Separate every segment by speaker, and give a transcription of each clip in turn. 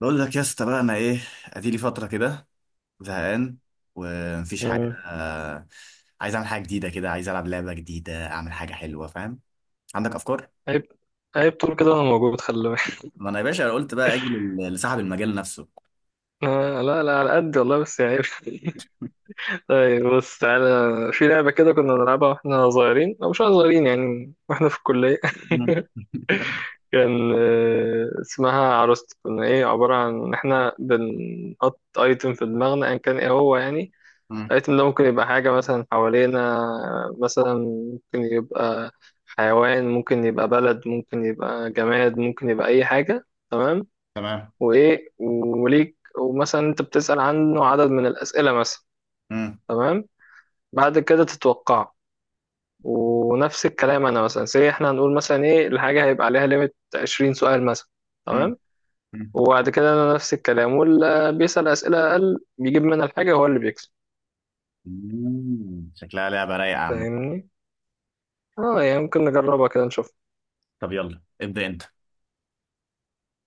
Speaker 1: بقول لك يا اسطى بقى انا ايه. ادي لي فتره كده، زهقان ومفيش حاجه.
Speaker 2: آه.
Speaker 1: عايز اعمل حاجه جديده كده، عايز العب لعبه جديده، اعمل حاجه حلوه، فاهم؟ عندك افكار؟
Speaker 2: عيب عيب طول كده انا موجود، خلي بالك.
Speaker 1: ما انا يا باشا قلت بقى اجي لصاحب المجال نفسه.
Speaker 2: لا لا، على قد والله، بس يعني عيب. طيب بص تعالى. في لعبة كده كنا بنلعبها واحنا صغيرين او مش صغيرين، يعني واحنا في الكلية.
Speaker 1: مم.
Speaker 2: كان اسمها عروست. كنا ايه، عبارة عن ان احنا بنحط ايتم في دماغنا ان كان ايه هو، يعني
Speaker 1: مم.
Speaker 2: الايتم ده ممكن يبقى حاجة مثلا حوالينا. مثلا ممكن يبقى حيوان، ممكن يبقى بلد، ممكن يبقى جماد، ممكن يبقى اي حاجة. تمام.
Speaker 1: تمام.
Speaker 2: وايه، وليك ومثلا انت بتسأل عنه عدد من الأسئلة مثلا.
Speaker 1: مم.
Speaker 2: تمام. بعد كده تتوقعه. ونفس الكلام انا مثلا، سي احنا هنقول مثلا ايه الحاجة، هيبقى عليها ليميت 20 سؤال مثلا.
Speaker 1: مم.
Speaker 2: تمام.
Speaker 1: مم.
Speaker 2: وبعد كده انا نفس الكلام، واللي بيسأل أسئلة أقل بيجيب منها الحاجة هو اللي بيكسب.
Speaker 1: مم. شكلها لعبه رايقه يا عم.
Speaker 2: فاهمني؟ اه، يعني ممكن نجربها كده نشوف.
Speaker 1: طب يلا ابدا انت.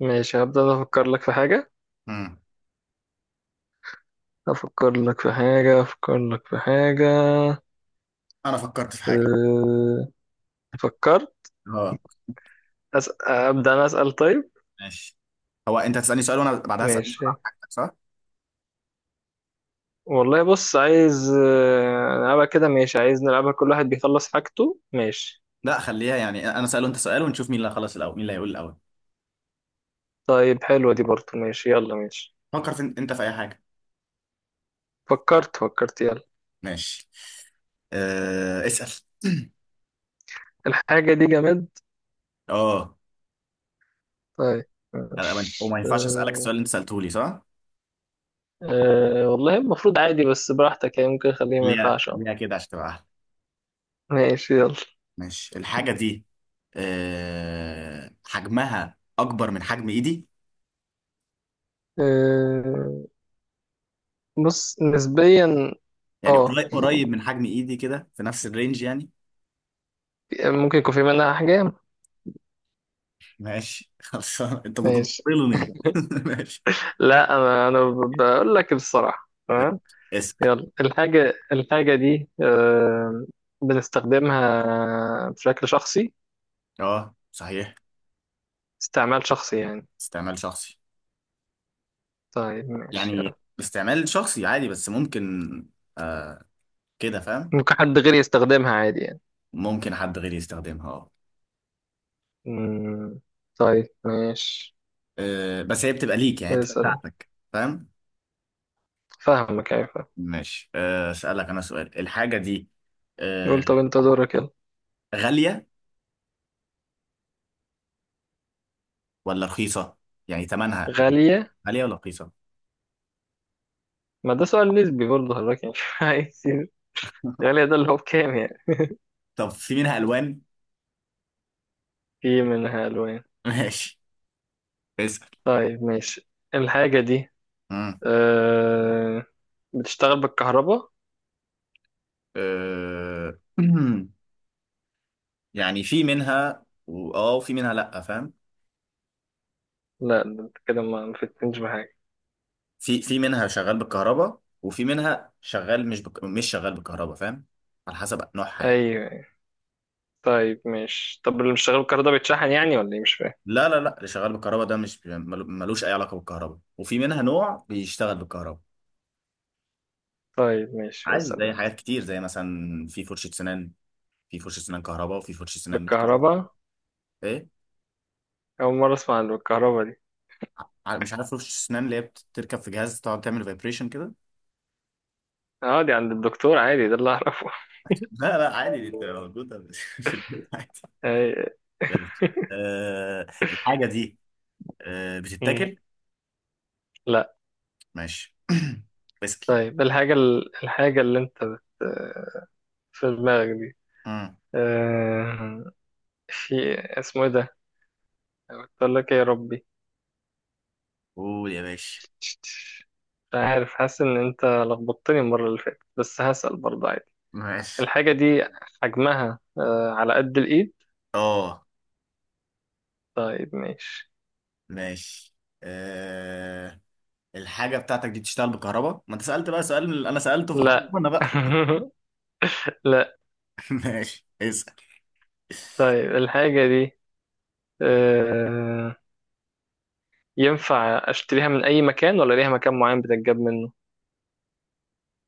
Speaker 2: ماشي، هبدأ أنا أفكر لك في حاجة
Speaker 1: مم.
Speaker 2: أفكر لك في حاجة أفكر لك في حاجة.
Speaker 1: انا فكرت في حاجه.
Speaker 2: أه... فكرت.
Speaker 1: اه.
Speaker 2: أبدأ أنا أسأل. طيب،
Speaker 1: ماشي. هو انت هتسالني سؤال وانا بعدها اسال سؤال
Speaker 2: ماشي.
Speaker 1: عن حاجتك صح؟
Speaker 2: والله بص، عايز نلعبها كده، ماشي؟ عايز نلعبها كل واحد بيخلص حاجته، ماشي.
Speaker 1: لا خليها، يعني انا اساله انت سؤال ونشوف مين اللي هيخلص الاول، مين اللي هيقول الاول.
Speaker 2: طيب، حلوة دي برضه، ماشي، يلا، ماشي.
Speaker 1: فكر في انت في اي حاجه.
Speaker 2: فكرت، يلا.
Speaker 1: ماشي. أه، اسال.
Speaker 2: الحاجة دي جماد.
Speaker 1: اه.
Speaker 2: طيب، ماشي،
Speaker 1: وما ينفعش اسالك السؤال
Speaker 2: أه.
Speaker 1: اللي انت سالته لي، صح؟
Speaker 2: أه، والله المفروض عادي، بس براحتك يعني، ممكن خليه ما
Speaker 1: ليها
Speaker 2: ينفعش، اه.
Speaker 1: ليها كده عشان تبقى احلى.
Speaker 2: ماشي، يلا،
Speaker 1: ماشي. الحاجه دي أه حجمها اكبر من حجم ايدي.
Speaker 2: أه، بص نسبيا.
Speaker 1: يعني
Speaker 2: اه،
Speaker 1: قريب من حجم ايدي كده، في نفس الرينج يعني.
Speaker 2: ممكن يكون في منها أحجام.
Speaker 1: ماشي خلاص انت
Speaker 2: ماشي،
Speaker 1: بتبطلني ماشي.
Speaker 2: لا، أنا بقول لك بصراحة، تمام.
Speaker 1: اسال.
Speaker 2: يلا، الحاجة دي بنستخدمها بشكل شخصي.
Speaker 1: اه صحيح.
Speaker 2: استعمال شخصي يعني.
Speaker 1: استعمال شخصي
Speaker 2: طيب، ماشي، يلا.
Speaker 1: يعني. استعمال شخصي عادي بس ممكن، آه، كده فاهم.
Speaker 2: ممكن حد غيري يستخدمها عادي يعني.
Speaker 1: ممكن حد غيري يستخدمها، اه.
Speaker 2: مم، طيب، ماشي.
Speaker 1: بس هي بتبقى ليك، يعني هي بتبقى
Speaker 2: اسأل.
Speaker 1: بتاعتك، فاهم؟
Speaker 2: فاهمك، أيوة، فاهم.
Speaker 1: ماشي. اسالك انا سؤال. الحاجه دي آه،
Speaker 2: قول، طب أنت دورك، يلا.
Speaker 1: غاليه ولا رخيصه؟ يعني ثمنها
Speaker 2: غالية.
Speaker 1: غاليه ولا رخيصه؟
Speaker 2: ما ده سؤال نسبي برضه حضرتك يعني. عايز غالية، ده اللي هو بكام يعني؟
Speaker 1: طب في منها الوان؟
Speaker 2: في منها ألوان.
Speaker 1: ماشي. اسال.
Speaker 2: طيب، ماشي. الحاجة دي
Speaker 1: مم.
Speaker 2: أه... بتشتغل بالكهرباء؟
Speaker 1: آه، يعني في منها اه وفي منها لا، فاهم؟
Speaker 2: لا، ده انت كده ما فتنتش بحاجة.
Speaker 1: في منها شغال بالكهرباء وفي منها شغال مش شغال بالكهرباء، فاهم؟ على حسب نوعها يعني.
Speaker 2: ايوه. طيب، ماشي، طب اللي مش شغال بالكهرباء ده بيتشحن يعني ولا ايه؟ مش فاهم.
Speaker 1: لا لا لا، اللي شغال بالكهرباء ده مش ملوش اي علاقه بالكهرباء، وفي منها نوع بيشتغل بالكهرباء.
Speaker 2: طيب، ماشي،
Speaker 1: عادي
Speaker 2: اسأل
Speaker 1: زي
Speaker 2: انت.
Speaker 1: حاجات كتير، زي مثلا في فرشه سنان. في فرشه سنان كهرباء وفي فرشه سنان مش كهرباء.
Speaker 2: بالكهرباء؟
Speaker 1: ايه.
Speaker 2: أول مرة أسمع عن بالكهرباء دي.
Speaker 1: مش عارف فرشه سنان اللي هي بتركب في جهاز تقعد تعمل فايبريشن كده.
Speaker 2: اه، دي عند الدكتور عادي، ده اللي أعرفه.
Speaker 1: لا لا عادي، دي بتبقى موجوده في البيت عادي.
Speaker 2: أي-
Speaker 1: بلاش. أه الحاجه دي أه
Speaker 2: مم.
Speaker 1: بتتاكل؟
Speaker 2: لا.
Speaker 1: ماشي بسكي.
Speaker 2: طيب الحاجة الحاجة اللي انت في دماغك دي،
Speaker 1: مم.
Speaker 2: آه، في، اسمه ايه ده، قلت لك ايه يا ربي؟
Speaker 1: قول يا باشا.
Speaker 2: مش عارف، حاسس ان انت لخبطتني المرة اللي فاتت، بس هسأل برضه عادي.
Speaker 1: ماشي.
Speaker 2: الحاجة دي حجمها على قد الايد؟
Speaker 1: اه
Speaker 2: طيب، ماشي.
Speaker 1: ماشي. أه الحاجة بتاعتك دي تشتغل بكهرباء؟ ما انت سألت بقى سؤال من اللي انا سألته، فخلاص
Speaker 2: لا.
Speaker 1: انا بقى.
Speaker 2: لا.
Speaker 1: ماشي. اسأل.
Speaker 2: طيب الحاجة دي آه، ينفع أشتريها من أي مكان ولا ليها مكان معين بتتجاب منه؟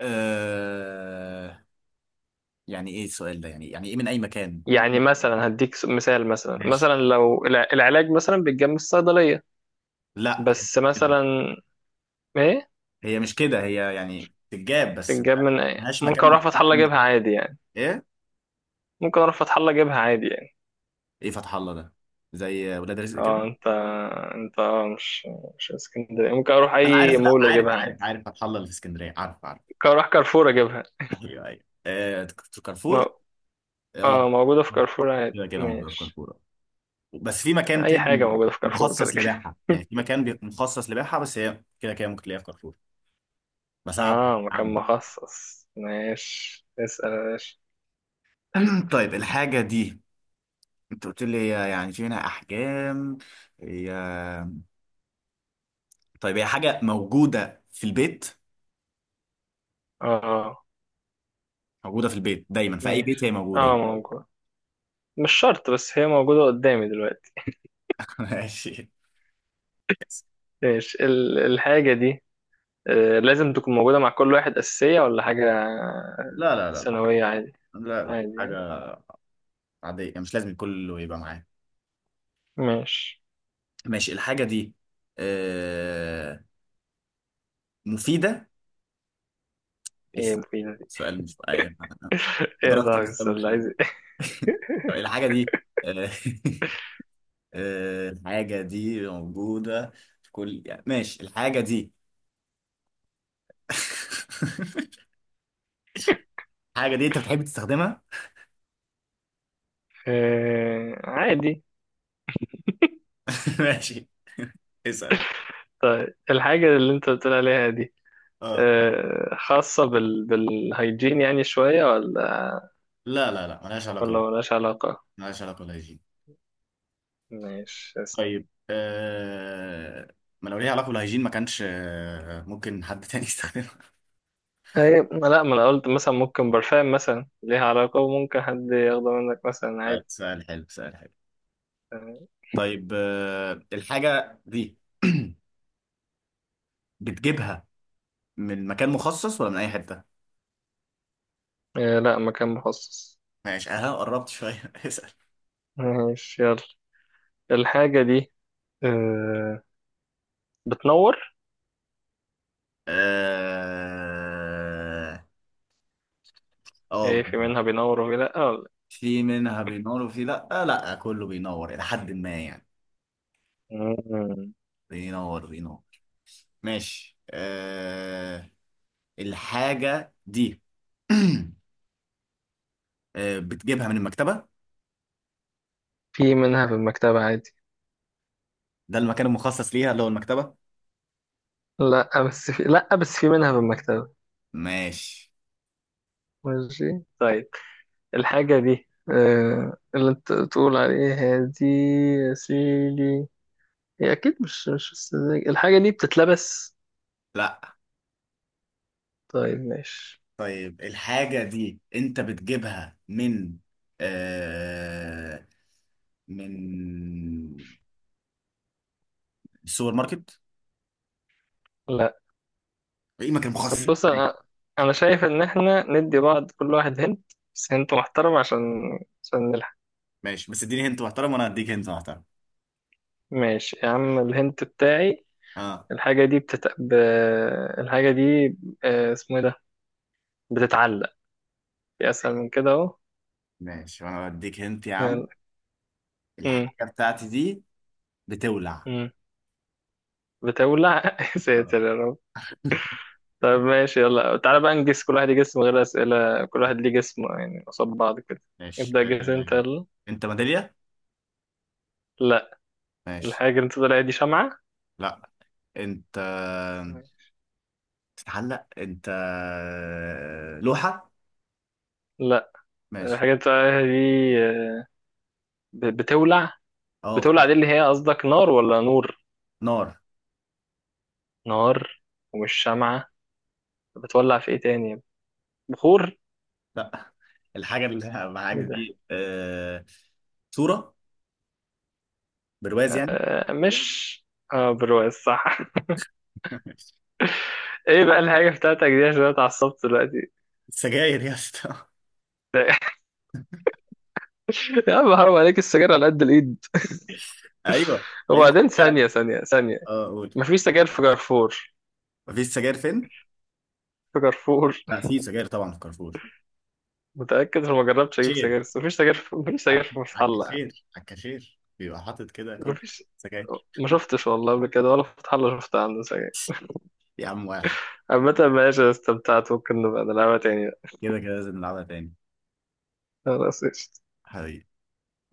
Speaker 1: آه... يعني ايه السؤال ده؟ يعني يعني ايه من اي مكان؟
Speaker 2: يعني مثلا هديك مثال، مثلا
Speaker 1: ماشي.
Speaker 2: مثلا لو العلاج مثلا بيتجاب من الصيدلية.
Speaker 1: لا
Speaker 2: بس
Speaker 1: كده.
Speaker 2: مثلا. إيه؟
Speaker 1: هي مش كده، هي يعني تتجاب بس، ملهاش
Speaker 2: ممكن
Speaker 1: مكان
Speaker 2: أروح فتح
Speaker 1: مخصوص
Speaker 2: الله
Speaker 1: ليها.
Speaker 2: أجيبها عادي يعني.
Speaker 1: ايه؟
Speaker 2: ممكن أروح فتح الله أجيبها عادي يعني.
Speaker 1: ايه فتح الله ده؟ زي ولاد رزق
Speaker 2: اه،
Speaker 1: كده؟
Speaker 2: انت مش اسكندرية، ممكن أروح
Speaker 1: انا
Speaker 2: أي
Speaker 1: عارف، لا
Speaker 2: مول
Speaker 1: عارف
Speaker 2: أجيبها
Speaker 1: عارف
Speaker 2: عادي.
Speaker 1: عارف، فتح الله اللي في اسكندرية، عارف عارف.
Speaker 2: ممكن أروح كارفور أجيبها.
Speaker 1: ايوه ايوه آه...
Speaker 2: م...
Speaker 1: كارفور. اه
Speaker 2: اه، موجودة في كارفور عادي.
Speaker 1: كده كده موجودة في
Speaker 2: ماشي،
Speaker 1: كارفور، بس في مكان
Speaker 2: اي حاجه
Speaker 1: تاني
Speaker 2: موجوده في كارفور كده
Speaker 1: مخصص
Speaker 2: كده.
Speaker 1: لبيعها، يعني في مكان مخصص لبيعها، بس هي كده كده ممكن تلاقيها في كارفور بساعد
Speaker 2: اه، مكان
Speaker 1: عم.
Speaker 2: مخصص، ماشي، اسال يا باشا.
Speaker 1: طيب الحاجة دي، انت قلت لي هي يعني في منها احجام، هي، طيب هي حاجة موجودة في البيت؟
Speaker 2: اه،
Speaker 1: موجودة في البيت دايما في اي بيت هي
Speaker 2: ماشي،
Speaker 1: موجودة.
Speaker 2: اه، موجود. مش شرط، بس هي موجوده قدامي دلوقتي.
Speaker 1: ماشي.
Speaker 2: ماشي، الحاجه دي لازم تكون موجوده مع كل واحد، اساسيه ولا حاجه
Speaker 1: لا لا لا
Speaker 2: ثانويه؟ عادي،
Speaker 1: لا لا
Speaker 2: عادي
Speaker 1: حاجة
Speaker 2: يعني.
Speaker 1: عادية يعني، مش لازم كله يبقى معاه.
Speaker 2: ماشي.
Speaker 1: ماشي. الحاجة دي آه، مفيدة؟ إيه
Speaker 2: ايه
Speaker 1: السؤال؟
Speaker 2: مفيدة دي؟
Speaker 1: السؤال مش أيوة.
Speaker 2: ايه يا
Speaker 1: أدركت إن
Speaker 2: صاحبي،
Speaker 1: السؤال
Speaker 2: السؤال
Speaker 1: مش
Speaker 2: ده
Speaker 1: لازم.
Speaker 2: عايز إيه؟
Speaker 1: الحاجة دي آه، الحاجة دي موجودة في كل، يعني ماشي. الحاجة دي الحاجة دي أنت بتحب تستخدمها؟
Speaker 2: آه، عادي.
Speaker 1: ماشي. اسأل.
Speaker 2: طيب الحاجة اللي انت بتقول عليها دي
Speaker 1: اه.
Speaker 2: خاصة بالهيجين يعني شوية، ولا؟
Speaker 1: لا لا لا، ملهاش
Speaker 2: ولا
Speaker 1: علاقة.
Speaker 2: ملهاش علاقة.
Speaker 1: ملهاش علاقة بالهيجين.
Speaker 2: ماشي بس.
Speaker 1: طيب آه... ما لو ليها علاقة بالهيجين ما كانش ممكن حد تاني يستخدمها.
Speaker 2: هي لا، ما انا قلت مثلا ممكن برفان مثلا ليها علاقة وممكن حد ياخده منك مثلا
Speaker 1: سؤال
Speaker 2: عادي.
Speaker 1: سؤال حلو سؤال حلو. طيب آه... الحاجة دي بتجيبها من مكان مخصص ولا من أي حتة؟
Speaker 2: آه، لا، مكان مخصص.
Speaker 1: ماشي. أنا قربت شوية.
Speaker 2: ماشي، يلا. الحاجة دي آه، بتنور؟
Speaker 1: اه.
Speaker 2: ايه،
Speaker 1: آه،
Speaker 2: في منها بينور وفي لا؟ ولا.
Speaker 1: في منها بينور وفي لا، لا كله بينور الى حد ما يعني.
Speaker 2: مم.
Speaker 1: بينور بينور. ماشي آه. الحاجة دي بتجيبها من المكتبة.
Speaker 2: في منها في المكتبة عادي.
Speaker 1: ده المكان المخصص ليها اللي هو المكتبة.
Speaker 2: لا بس في منها في المكتبة.
Speaker 1: ماشي
Speaker 2: ماشي، طيب. الحاجة دي اللي انت تقول عليها دي يا سيدي، هي أكيد مش السذاجة. الحاجة دي بتتلبس؟
Speaker 1: لا.
Speaker 2: طيب، ماشي.
Speaker 1: طيب الحاجة دي انت بتجيبها من آه من السوبر ماركت؟
Speaker 2: لا.
Speaker 1: اي مكان
Speaker 2: طب
Speaker 1: مخصص.
Speaker 2: بص، أنا شايف إن إحنا ندي بعض كل واحد هنت، بس هنت محترم، عشان نلحق.
Speaker 1: ماشي، بس اديني هنت محترم وانا هديك هنت محترم.
Speaker 2: ماشي يا عم، الهنت بتاعي.
Speaker 1: اه
Speaker 2: الحاجة دي الحاجة دي اسمه إيه ده، بتتعلق، في أسهل من كده أهو.
Speaker 1: ماشي، وانا بديك هنت يا عم.
Speaker 2: يلا. مم.
Speaker 1: الحاجة بتاعتي دي بتولع.
Speaker 2: مم. بتولع. يا
Speaker 1: اه
Speaker 2: ساتر يا رب. طيب، ماشي، يلا تعالى بقى نجس. كل واحد يجس من غير أسئلة، كل واحد ليه جسم يعني قصاد بعض كده.
Speaker 1: ماشي.
Speaker 2: ابدأ جس انت، يلا.
Speaker 1: انت ميدالية؟
Speaker 2: لا.
Speaker 1: ماشي
Speaker 2: الحاجة اللي انت طالعها دي شمعة.
Speaker 1: لا. انت تتعلق، انت لوحة؟
Speaker 2: لا. الحاجة
Speaker 1: ماشي.
Speaker 2: اللي انت طالعها دي بتولع.
Speaker 1: اه
Speaker 2: بتولع دي اللي هي قصدك نار ولا نور؟
Speaker 1: نار.
Speaker 2: نار. ومش شمعة. بتولع في ايه تاني؟ بخور؟
Speaker 1: لا. الحاجة اللي معاك
Speaker 2: ايه ده؟
Speaker 1: دي صورة، برواز يعني.
Speaker 2: آه مش اه، برواز، صح. ايه بقى الحاجة بتاعتك دي، عشان أنا اتعصبت دلوقتي.
Speaker 1: سجاير يا اسطى
Speaker 2: يا عم حرام عليك، السجاير على قد الايد.
Speaker 1: ايوه علبة
Speaker 2: وبعدين
Speaker 1: السجاير.
Speaker 2: ثانية ثانية ثانية،
Speaker 1: اه قول.
Speaker 2: مفيش سجاير في كارفور؟
Speaker 1: مفيش سجاير فين؟
Speaker 2: في كارفور.
Speaker 1: لا في سجاير طبعا في كارفور.
Speaker 2: متأكد، انا ما جربتش اجيب
Speaker 1: شير
Speaker 2: سجاير، بس مفيش سجاير
Speaker 1: عك-
Speaker 2: في فتح الله يعني.
Speaker 1: عكاشير، عكاشير بيبقى حاطط كده كل
Speaker 2: مفيش،
Speaker 1: سجاير
Speaker 2: ما شفتش والله قبل كده ولا في فتح الله شفت عنده سجاير.
Speaker 1: يا عم واحد.
Speaker 2: عامة، ماشي، استمتعت، ممكن نبقى نلعبها تاني.
Speaker 1: كده كده لازم نلعبها تاني.
Speaker 2: خلاص، قشطة.
Speaker 1: حبيبي.